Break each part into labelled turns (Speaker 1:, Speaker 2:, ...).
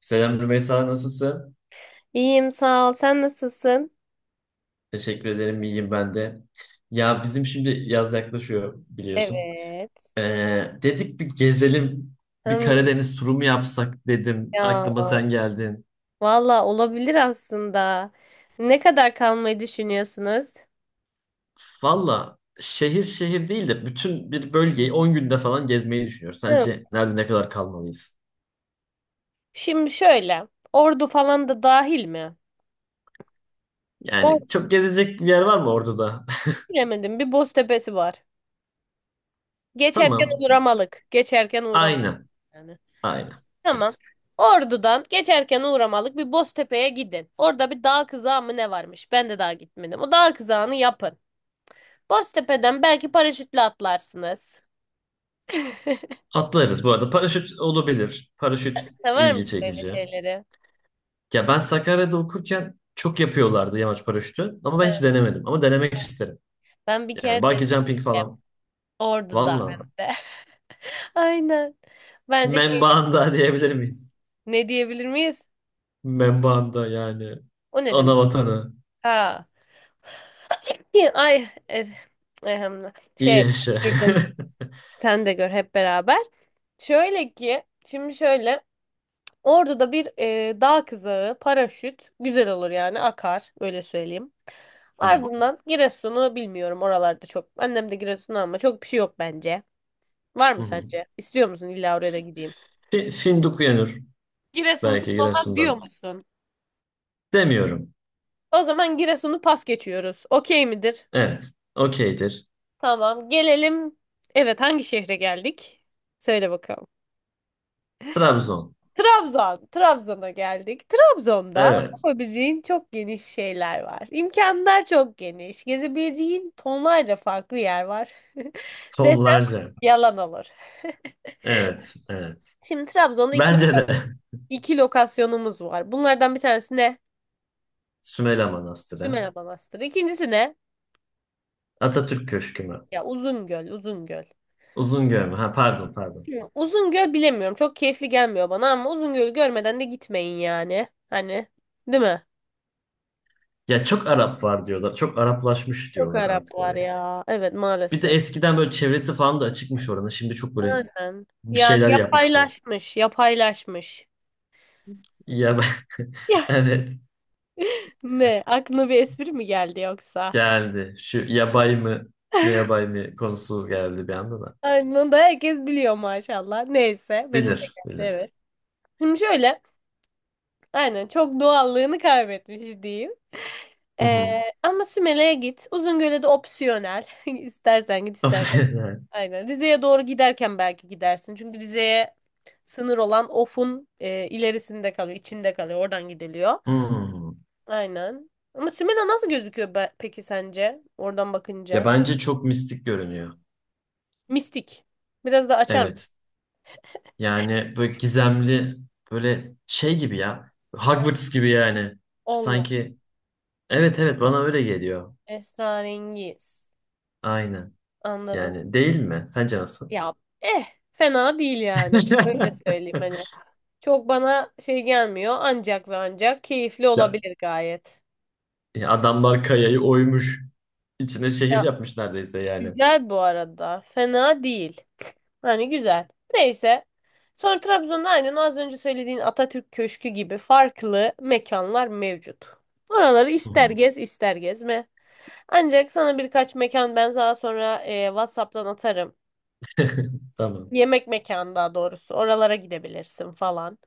Speaker 1: Selam Rümeysa, nasılsın?
Speaker 2: İyiyim sağ ol. Sen nasılsın?
Speaker 1: Teşekkür ederim, iyiyim ben de. Ya bizim şimdi yaz yaklaşıyor biliyorsun.
Speaker 2: Evet.
Speaker 1: Dedik bir gezelim, bir
Speaker 2: Hmm,
Speaker 1: Karadeniz turu mu yapsak dedim.
Speaker 2: ya
Speaker 1: Aklıma sen geldin.
Speaker 2: valla olabilir aslında. Ne kadar kalmayı düşünüyorsunuz?
Speaker 1: Valla şehir şehir değil de bütün bir bölgeyi 10 günde falan gezmeyi düşünüyoruz.
Speaker 2: Hmm,
Speaker 1: Sence nerede ne kadar kalmalıyız?
Speaker 2: Şimdi şöyle. Ordu falan da dahil mi? Ordu
Speaker 1: Yani çok gezecek bir yer var mı orada da?
Speaker 2: bilemedim. Bir Boztepe'si var. Geçerken
Speaker 1: Tamam,
Speaker 2: uğramalık. Geçerken uğramalık
Speaker 1: aynen,
Speaker 2: yani.
Speaker 1: aynen.
Speaker 2: Tamam.
Speaker 1: Evet.
Speaker 2: Ordu'dan geçerken uğramalık bir Boztepe'ye gidin. Orada bir dağ kızağı mı ne varmış? Ben de daha gitmedim. O dağ kızağını yapın. Boztepe'den belki paraşütle atlarsınız.
Speaker 1: Atlarız bu arada. Paraşüt olabilir. Paraşüt
Speaker 2: Sever
Speaker 1: ilgi
Speaker 2: misin öyle
Speaker 1: çekici.
Speaker 2: şeyleri?
Speaker 1: Ya ben Sakarya'da okurken çok yapıyorlardı yamaç paraşütü. Ama ben hiç denemedim. Ama denemek isterim.
Speaker 2: Ben bir
Speaker 1: Yani
Speaker 2: kere
Speaker 1: bungee jumping
Speaker 2: denedim.
Speaker 1: falan.
Speaker 2: Ordu'da hem
Speaker 1: Valla.
Speaker 2: de. Aynen. Bence keyif.
Speaker 1: Membanda diyebilir miyiz?
Speaker 2: Ne diyebilir miyiz?
Speaker 1: Membanda yani.
Speaker 2: O ne
Speaker 1: Ana
Speaker 2: demek?
Speaker 1: vatanı.
Speaker 2: Ha. Ki- Ay. e-
Speaker 1: İyi
Speaker 2: şey.
Speaker 1: yaşa.
Speaker 2: Gördüm. Sen de gör hep beraber. Şöyle ki. Şimdi şöyle. Ordu'da bir dağ kızağı, paraşüt. Güzel olur yani. Akar. Öyle söyleyeyim.
Speaker 1: Hı
Speaker 2: Ardından Giresun'u bilmiyorum. Oralarda çok. Annem de Giresun'u ama çok bir şey yok bence. Var
Speaker 1: hı.
Speaker 2: mı
Speaker 1: Hı.
Speaker 2: sence? İstiyor musun illa oraya da gideyim?
Speaker 1: Fındık Uyanır
Speaker 2: Giresunsuz
Speaker 1: belki
Speaker 2: olmaz diyor
Speaker 1: Giresun'dan.
Speaker 2: musun?
Speaker 1: Demiyorum.
Speaker 2: O zaman Giresun'u pas geçiyoruz. Okey midir?
Speaker 1: Evet. Okeydir.
Speaker 2: Tamam. Gelelim. Evet, hangi şehre geldik? Söyle bakalım.
Speaker 1: Trabzon.
Speaker 2: Trabzon. Trabzon'a geldik. Trabzon'da
Speaker 1: Evet.
Speaker 2: yapabileceğin çok geniş şeyler var. İmkanlar çok geniş. Gezebileceğin tonlarca farklı yer var. Desem
Speaker 1: Tonlarca.
Speaker 2: yalan olur.
Speaker 1: Evet. Evet.
Speaker 2: Şimdi Trabzon'da
Speaker 1: Bence de.
Speaker 2: iki lokasyonumuz var. Bunlardan bir tanesi ne?
Speaker 1: Sümela Manastırı.
Speaker 2: Sümele Manastırı. İkincisi ne?
Speaker 1: Atatürk Köşkü mü?
Speaker 2: Ya Uzungöl.
Speaker 1: Uzungöl mü? Ha pardon pardon.
Speaker 2: Hı, Uzungöl bilemiyorum. Çok keyifli gelmiyor bana ama Uzungöl'ü görmeden de gitmeyin yani. Hani değil mi?
Speaker 1: Ya çok Arap var diyorlar. Çok Araplaşmış
Speaker 2: Çok
Speaker 1: diyorlar
Speaker 2: Arap
Speaker 1: artık
Speaker 2: var
Speaker 1: oraya.
Speaker 2: ya. Evet
Speaker 1: Bir de
Speaker 2: maalesef.
Speaker 1: eskiden böyle çevresi falan da açıkmış oranın. Şimdi çok böyle
Speaker 2: Aynen.
Speaker 1: bir
Speaker 2: Yani
Speaker 1: şeyler yapmışlar.
Speaker 2: yapaylaşmış.
Speaker 1: Ya
Speaker 2: Ya
Speaker 1: evet
Speaker 2: ne? Aklına bir espri mi geldi yoksa?
Speaker 1: geldi. Şu yabay mı ne yabay mı konusu geldi bir anda da.
Speaker 2: Aynen onu da herkes biliyor maşallah. Neyse benim de
Speaker 1: Bilir
Speaker 2: geldi
Speaker 1: bilir.
Speaker 2: evet. Şimdi şöyle. Aynen çok doğallığını kaybetmiş diyeyim.
Speaker 1: Hı
Speaker 2: Ee,
Speaker 1: hı.
Speaker 2: ama Sümele'ye git. Uzungöl'e de opsiyonel. İstersen git istersen. Aynen. Rize'ye doğru giderken belki gidersin. Çünkü Rize'ye sınır olan Of'un ilerisinde kalıyor, içinde kalıyor. Oradan gidiliyor.
Speaker 1: Hmm.
Speaker 2: Aynen. Ama Simena nasıl gözüküyor peki sence? Oradan
Speaker 1: Ya
Speaker 2: bakınca.
Speaker 1: bence çok mistik görünüyor.
Speaker 2: Mistik. Biraz da açar mısın?
Speaker 1: Evet. Yani böyle gizemli böyle şey gibi ya. Hogwarts gibi yani.
Speaker 2: Allah.
Speaker 1: Sanki evet evet bana öyle geliyor.
Speaker 2: Esrarengiz.
Speaker 1: Aynen.
Speaker 2: Anladım.
Speaker 1: Yani değil mi? Sence nasıl?
Speaker 2: Ya eh fena değil yani. Öyle söyleyeyim hani. Çok bana şey gelmiyor. Ancak ve ancak keyifli
Speaker 1: Ya,
Speaker 2: olabilir gayet.
Speaker 1: ya adamlar kayayı oymuş. İçine şehir
Speaker 2: Ya
Speaker 1: yapmış neredeyse yani.
Speaker 2: güzel bu arada. Fena değil. Yani güzel. Neyse. Sonra Trabzon'da aynen az önce söylediğin Atatürk Köşkü gibi farklı mekanlar mevcut. Oraları
Speaker 1: Hı
Speaker 2: ister
Speaker 1: hı.
Speaker 2: gez ister gezme. Ancak sana birkaç mekan ben daha sonra WhatsApp'tan atarım.
Speaker 1: Tamam.
Speaker 2: Yemek mekanı daha doğrusu. Oralara gidebilirsin falan.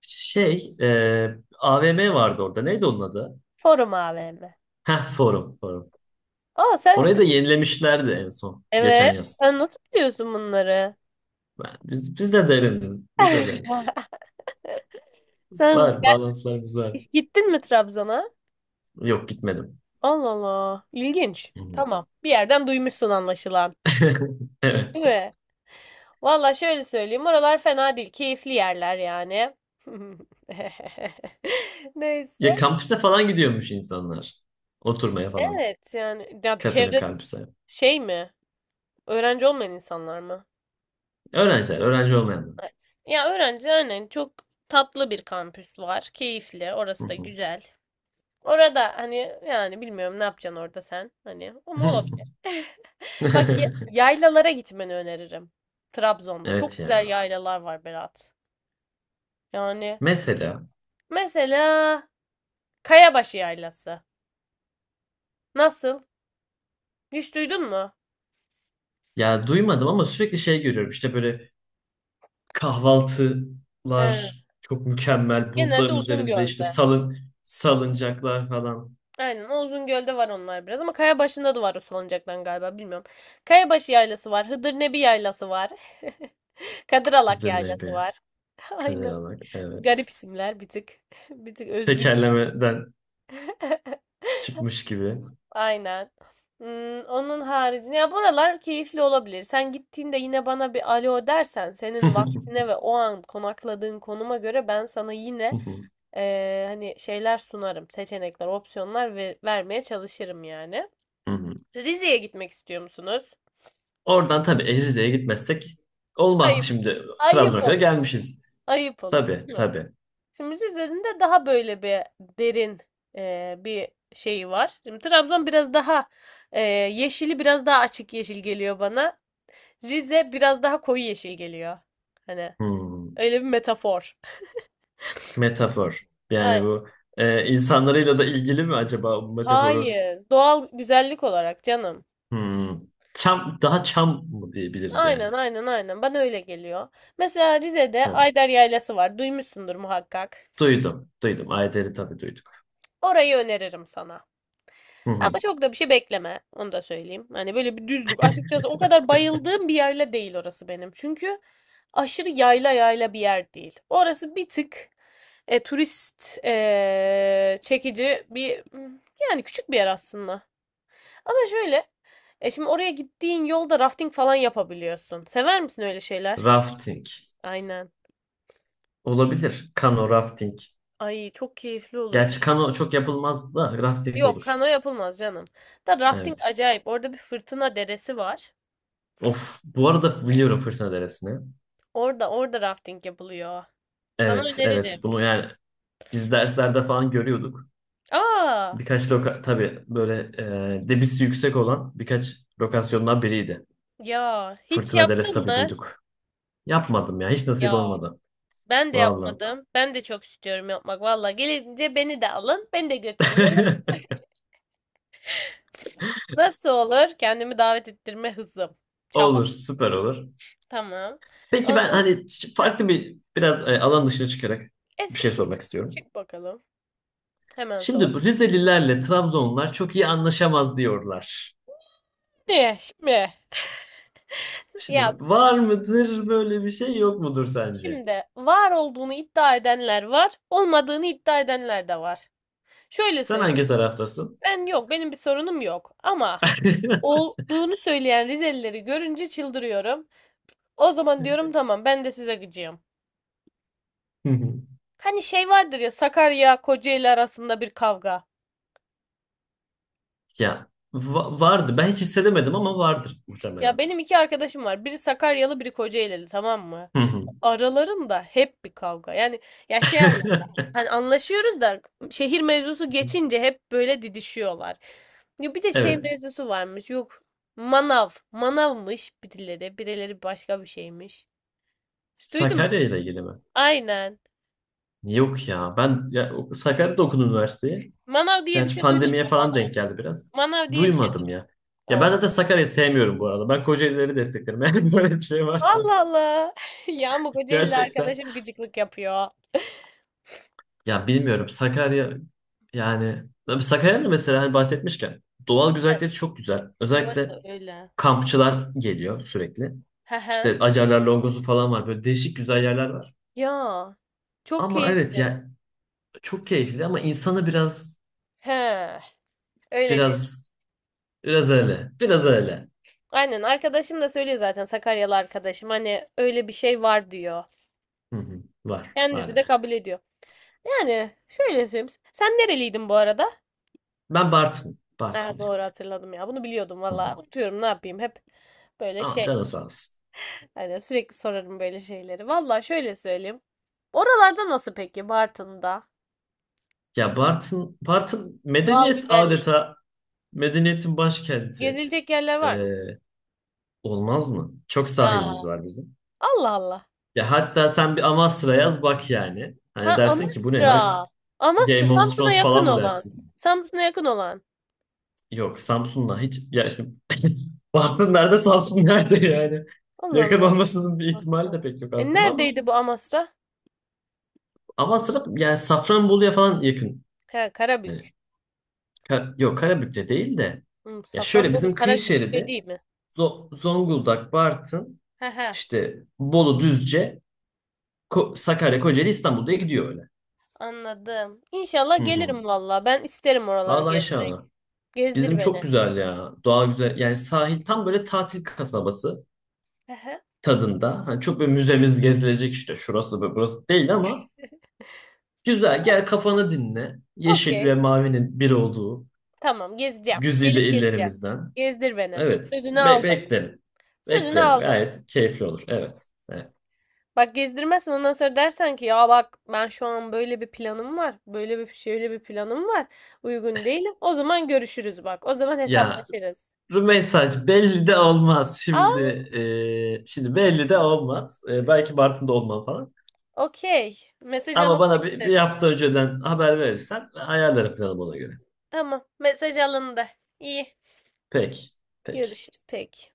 Speaker 1: Şey, AVM vardı orada. Neydi onun adı?
Speaker 2: Forum AVM.
Speaker 1: Heh, Forum, Forum.
Speaker 2: Aa sen
Speaker 1: Orayı da yenilemişlerdi en son. Geçen
Speaker 2: evet.
Speaker 1: yaz.
Speaker 2: Sen nasıl biliyorsun bunları?
Speaker 1: Biz de deriniz. Biz de deriniz.
Speaker 2: Sen
Speaker 1: Var, bağlantılarımız var.
Speaker 2: hiç gittin mi Trabzon'a?
Speaker 1: Yok, gitmedim.
Speaker 2: Allah Allah. İlginç.
Speaker 1: Hı hı.
Speaker 2: Tamam. Bir yerden duymuşsun anlaşılan.
Speaker 1: Evet.
Speaker 2: Değil mi? Valla şöyle söyleyeyim. Oralar fena değil. Keyifli yerler yani.
Speaker 1: Ya
Speaker 2: Neyse.
Speaker 1: kampüse falan gidiyormuş insanlar. Oturmaya falan.
Speaker 2: Evet yani. Ya
Speaker 1: Katını
Speaker 2: çevre
Speaker 1: kampüse.
Speaker 2: şey mi? Öğrenci olmayan insanlar mı?
Speaker 1: Öğrenciler, öğrenci olmayanlar.
Speaker 2: Ya öğrenci aynen çok tatlı bir kampüs var. Keyifli.
Speaker 1: Hı
Speaker 2: Orası da
Speaker 1: hı.
Speaker 2: güzel. Orada hani yani bilmiyorum ne yapacaksın orada sen. Hani ama olabilir. Bak yaylalara gitmeni öneririm. Trabzon'da. Çok
Speaker 1: Evet
Speaker 2: güzel
Speaker 1: ya.
Speaker 2: yaylalar var Berat. Yani
Speaker 1: Mesela
Speaker 2: mesela Kayabaşı Yaylası. Nasıl? Hiç duydun mu?
Speaker 1: ya duymadım ama sürekli şey görüyorum. İşte böyle
Speaker 2: He.
Speaker 1: kahvaltılar çok mükemmel.
Speaker 2: Genelde
Speaker 1: Bulutların üzerinde işte
Speaker 2: Uzungöl'de.
Speaker 1: salıncaklar falan.
Speaker 2: Aynen o Uzungöl'de var onlar biraz ama Kayabaşı'nda da var o salıncaktan galiba bilmiyorum. Kayabaşı yaylası var. Hıdırnebi yaylası var. Kadıralak
Speaker 1: Kadir
Speaker 2: yaylası
Speaker 1: Nebi.
Speaker 2: var.
Speaker 1: Kadir
Speaker 2: Aynen.
Speaker 1: Alak. Evet.
Speaker 2: Garip isimler bir tık. Bir tık özgün.
Speaker 1: Tekerlemeden çıkmış gibi.
Speaker 2: Aynen. Onun haricinde ya buralar keyifli olabilir. Sen gittiğinde yine bana bir alo dersen senin
Speaker 1: Hı
Speaker 2: vaktine ve o an konakladığın konuma göre ben sana yine
Speaker 1: hı.
Speaker 2: hani şeyler sunarım, seçenekler, opsiyonlar ve vermeye çalışırım yani.
Speaker 1: Hı hı.
Speaker 2: Rize'ye gitmek istiyor musunuz?
Speaker 1: Oradan tabii Erizli'ye gitmezsek
Speaker 2: Ayıp.
Speaker 1: olmaz şimdi.
Speaker 2: Ayıp
Speaker 1: Trabzon'a kadar
Speaker 2: olur.
Speaker 1: gelmişiz.
Speaker 2: Ayıp olur,
Speaker 1: Tabii
Speaker 2: değil mi?
Speaker 1: tabii.
Speaker 2: Şimdi Rize'nin de daha böyle bir derin bir şeyi var. Şimdi Trabzon biraz daha eee, yeşili biraz daha açık yeşil geliyor bana. Rize biraz daha koyu yeşil geliyor. Hani
Speaker 1: Hı.
Speaker 2: öyle bir metafor.
Speaker 1: Metafor.
Speaker 2: Ay,
Speaker 1: Yani bu insanlarıyla da ilgili mi acaba bu metaforu?
Speaker 2: hayır. Doğal güzellik olarak canım.
Speaker 1: Hmm. Çam, daha çam mı diyebiliriz yani?
Speaker 2: Aynen. Bana öyle geliyor. Mesela Rize'de
Speaker 1: Tabii.
Speaker 2: Ayder Yaylası var. Duymuşsundur muhakkak.
Speaker 1: Duydum. Duydum. Ayder'i tabii duyduk.
Speaker 2: Orayı öneririm sana.
Speaker 1: Hı
Speaker 2: Ama
Speaker 1: hı.
Speaker 2: çok da bir şey bekleme. Onu da söyleyeyim. Hani böyle bir düzlük. Açıkçası o kadar bayıldığım bir yayla değil orası benim. Çünkü aşırı yayla yayla bir yer değil. Orası bir tık turist çekici bir yani küçük bir yer aslında. Ama şöyle şimdi oraya gittiğin yolda rafting falan yapabiliyorsun. Sever misin öyle şeyler?
Speaker 1: Rafting.
Speaker 2: Aynen.
Speaker 1: Olabilir. Kano, rafting.
Speaker 2: Ay çok keyifli olur bu.
Speaker 1: Gerçi kano çok yapılmaz da rafting
Speaker 2: Yok
Speaker 1: olur.
Speaker 2: kano yapılmaz canım. Da rafting
Speaker 1: Evet.
Speaker 2: acayip. Orada bir fırtına deresi var.
Speaker 1: Of. Bu arada biliyorum Fırtına Deresi'ni.
Speaker 2: Orada rafting yapılıyor. Sana
Speaker 1: Evet, evet.
Speaker 2: öneririm.
Speaker 1: Bunu yani biz derslerde falan görüyorduk.
Speaker 2: Aa
Speaker 1: Birkaç tabii böyle debisi yüksek olan birkaç lokasyondan biriydi.
Speaker 2: ya hiç
Speaker 1: Fırtına
Speaker 2: yaptın
Speaker 1: Delestabi
Speaker 2: mı?
Speaker 1: duyduk. Yapmadım ya. Hiç nasip
Speaker 2: Ya
Speaker 1: olmadı.
Speaker 2: ben de
Speaker 1: Vallahi.
Speaker 2: yapmadım. Ben de çok istiyorum yapmak. Valla gelince beni de alın. Beni de götürün. Ama nasıl olur? Kendimi davet ettirme hızım. Çaba.
Speaker 1: Olur. Süper olur.
Speaker 2: Tamam.
Speaker 1: Peki
Speaker 2: O
Speaker 1: ben
Speaker 2: zaman
Speaker 1: hani
Speaker 2: heh.
Speaker 1: farklı bir biraz alan dışına çıkarak
Speaker 2: E,
Speaker 1: bir
Speaker 2: s-
Speaker 1: şey
Speaker 2: çık,
Speaker 1: sormak istiyorum.
Speaker 2: çık bakalım. Hemen sor.
Speaker 1: Şimdi bu Rizelilerle Trabzonlular çok iyi anlaşamaz diyorlar.
Speaker 2: Ne şimdi?
Speaker 1: Şimdi
Speaker 2: Ya
Speaker 1: var mıdır böyle bir şey yok mudur sence?
Speaker 2: şimdi var olduğunu iddia edenler var, olmadığını iddia edenler de var. Şöyle
Speaker 1: Sen hangi
Speaker 2: söyleyeyim.
Speaker 1: taraftasın?
Speaker 2: Ben yok, benim bir sorunum yok. Ama olduğunu söyleyen Rizelileri görünce çıldırıyorum. O zaman diyorum tamam ben de size gıcığım.
Speaker 1: Hı hı.
Speaker 2: Hani şey vardır ya Sakarya Kocaeli arasında bir kavga.
Speaker 1: Ya vardı. Ben hiç hissedemedim ama vardır
Speaker 2: Ya
Speaker 1: muhtemelen.
Speaker 2: benim iki arkadaşım var. Biri Sakaryalı, biri Kocaelili, tamam mı?
Speaker 1: Hı hı.
Speaker 2: Aralarında hep bir kavga. Yani ya şey anlat. Hani anlaşıyoruz da şehir mevzusu geçince hep böyle didişiyorlar. Ya bir de şey
Speaker 1: Evet.
Speaker 2: mevzusu varmış. Yok. Manav. Manavmış birileri. Birileri başka bir şeymiş. Duydun mu?
Speaker 1: Sakarya ile ilgili mi?
Speaker 2: Aynen.
Speaker 1: Yok ya. Ben ya, Sakarya'da okudum üniversiteyi.
Speaker 2: Manav diye bir
Speaker 1: Gerçi
Speaker 2: şey duydun
Speaker 1: pandemiye
Speaker 2: mu?
Speaker 1: falan
Speaker 2: Manav.
Speaker 1: denk geldi biraz.
Speaker 2: Manav diye bir şey
Speaker 1: Duymadım
Speaker 2: duydun
Speaker 1: ya.
Speaker 2: mu?
Speaker 1: Ya ben
Speaker 2: Oo.
Speaker 1: zaten Sakarya'yı sevmiyorum bu arada. Ben Kocaeli'leri desteklerim. Eğer böyle bir şey varsa.
Speaker 2: Allah Allah. Ya bu Kocaelili
Speaker 1: Gerçekten.
Speaker 2: arkadaşım gıcıklık yapıyor.
Speaker 1: Ya bilmiyorum. Sakarya yani tabii Sakarya'nın mesela hani bahsetmişken doğal
Speaker 2: Ha,
Speaker 1: güzellikleri çok güzel.
Speaker 2: bu
Speaker 1: Özellikle
Speaker 2: arada öyle.
Speaker 1: kampçılar geliyor sürekli. İşte Acarlar Longozu falan var. Böyle değişik güzel yerler var.
Speaker 2: Ya çok
Speaker 1: Ama
Speaker 2: keyifli.
Speaker 1: evet ya çok keyifli ama insanı
Speaker 2: He, öyle diyor.
Speaker 1: biraz biraz öyle. Biraz öyle.
Speaker 2: Aynen arkadaşım da söylüyor zaten Sakaryalı arkadaşım hani öyle bir şey var diyor.
Speaker 1: Hı hı. Var. Var
Speaker 2: Kendisi
Speaker 1: yani.
Speaker 2: de kabul ediyor. Yani şöyle söyleyeyim. Sen nereliydin bu arada?
Speaker 1: Ben Bartın.
Speaker 2: Ha,
Speaker 1: Bartınlıyım.
Speaker 2: doğru hatırladım ya. Bunu biliyordum
Speaker 1: Hı hı.
Speaker 2: valla. Unutuyorum ne yapayım hep böyle
Speaker 1: Ama
Speaker 2: şey.
Speaker 1: canı sağ olsun.
Speaker 2: Hani sürekli sorarım böyle şeyleri. Valla şöyle söyleyeyim. Oralarda nasıl peki Bartın'da?
Speaker 1: Ya Bartın
Speaker 2: Doğal
Speaker 1: medeniyet
Speaker 2: güzellik.
Speaker 1: adeta medeniyetin başkenti.
Speaker 2: Gezilecek yerler
Speaker 1: Ee,
Speaker 2: var mı?
Speaker 1: olmaz mı? Çok
Speaker 2: Ya
Speaker 1: sahilimiz var bizim.
Speaker 2: Allah Allah.
Speaker 1: Ya hatta sen bir Amasra yaz bak yani.
Speaker 2: Ha
Speaker 1: Hani dersin ki bu ne ya?
Speaker 2: Amasra. Amasra
Speaker 1: Game of
Speaker 2: Samsun'a
Speaker 1: Thrones falan
Speaker 2: yakın
Speaker 1: mı
Speaker 2: olan.
Speaker 1: dersin?
Speaker 2: Samsun'a yakın olan.
Speaker 1: Yok Samsun'la hiç ya işte Bartın nerede Samsun nerede yani?
Speaker 2: Allah
Speaker 1: Yakın
Speaker 2: Allah.
Speaker 1: olmasının bir ihtimali
Speaker 2: Amasra.
Speaker 1: de pek yok
Speaker 2: E
Speaker 1: aslında ama
Speaker 2: neredeydi bu Amasra?
Speaker 1: Amasra yani Safranbolu'ya falan yakın.
Speaker 2: He
Speaker 1: Hani.
Speaker 2: Karabük.
Speaker 1: Yok Karabük'te değil de ya şöyle
Speaker 2: Safranbolu
Speaker 1: bizim kıyı
Speaker 2: Karabük de
Speaker 1: şeridi
Speaker 2: değil mi?
Speaker 1: Zonguldak, Bartın,
Speaker 2: He he
Speaker 1: işte Bolu, Düzce, Sakarya, Kocaeli, İstanbul diye gidiyor öyle.
Speaker 2: anladım.
Speaker 1: Hı
Speaker 2: İnşallah gelirim
Speaker 1: hı.
Speaker 2: valla. Ben isterim oraları
Speaker 1: Vallahi
Speaker 2: gezmek.
Speaker 1: inşallah. Bizim
Speaker 2: Gezdir
Speaker 1: çok
Speaker 2: beni.
Speaker 1: güzel ya. Doğa güzel. Yani sahil tam böyle tatil kasabası
Speaker 2: He he.
Speaker 1: tadında. Hani çok böyle müzemiz gezilecek işte. Şurası ve burası değil ama güzel. Gel kafanı dinle. Yeşil
Speaker 2: Okey.
Speaker 1: ve mavinin bir olduğu
Speaker 2: Tamam gezeceğim.
Speaker 1: güzide
Speaker 2: Gelip gezeceğim.
Speaker 1: illerimizden.
Speaker 2: Gezdir beni.
Speaker 1: Evet.
Speaker 2: Sözünü aldım.
Speaker 1: Beklerim.
Speaker 2: Sözünü
Speaker 1: Beklerim.
Speaker 2: aldım.
Speaker 1: Gayet keyifli olur. Evet. Evet.
Speaker 2: Bak gezdirmezsen ondan sonra dersen ki ya bak ben şu an böyle bir planım var. Böyle bir şöyle bir planım var. Uygun değilim. O zaman görüşürüz bak. O zaman
Speaker 1: Ya
Speaker 2: hesaplaşırız.
Speaker 1: mesaj belli de olmaz
Speaker 2: Aa,
Speaker 1: şimdi. Şimdi belli de olmaz. Belki Bartın'da olmam falan.
Speaker 2: okey. Mesaj
Speaker 1: Ama bana bir
Speaker 2: alınmıştır.
Speaker 1: hafta önceden haber verirsen ayarlarım planımı ona göre.
Speaker 2: Tamam, mesaj alındı. İyi.
Speaker 1: Peki. Peki.
Speaker 2: Görüşürüz peki.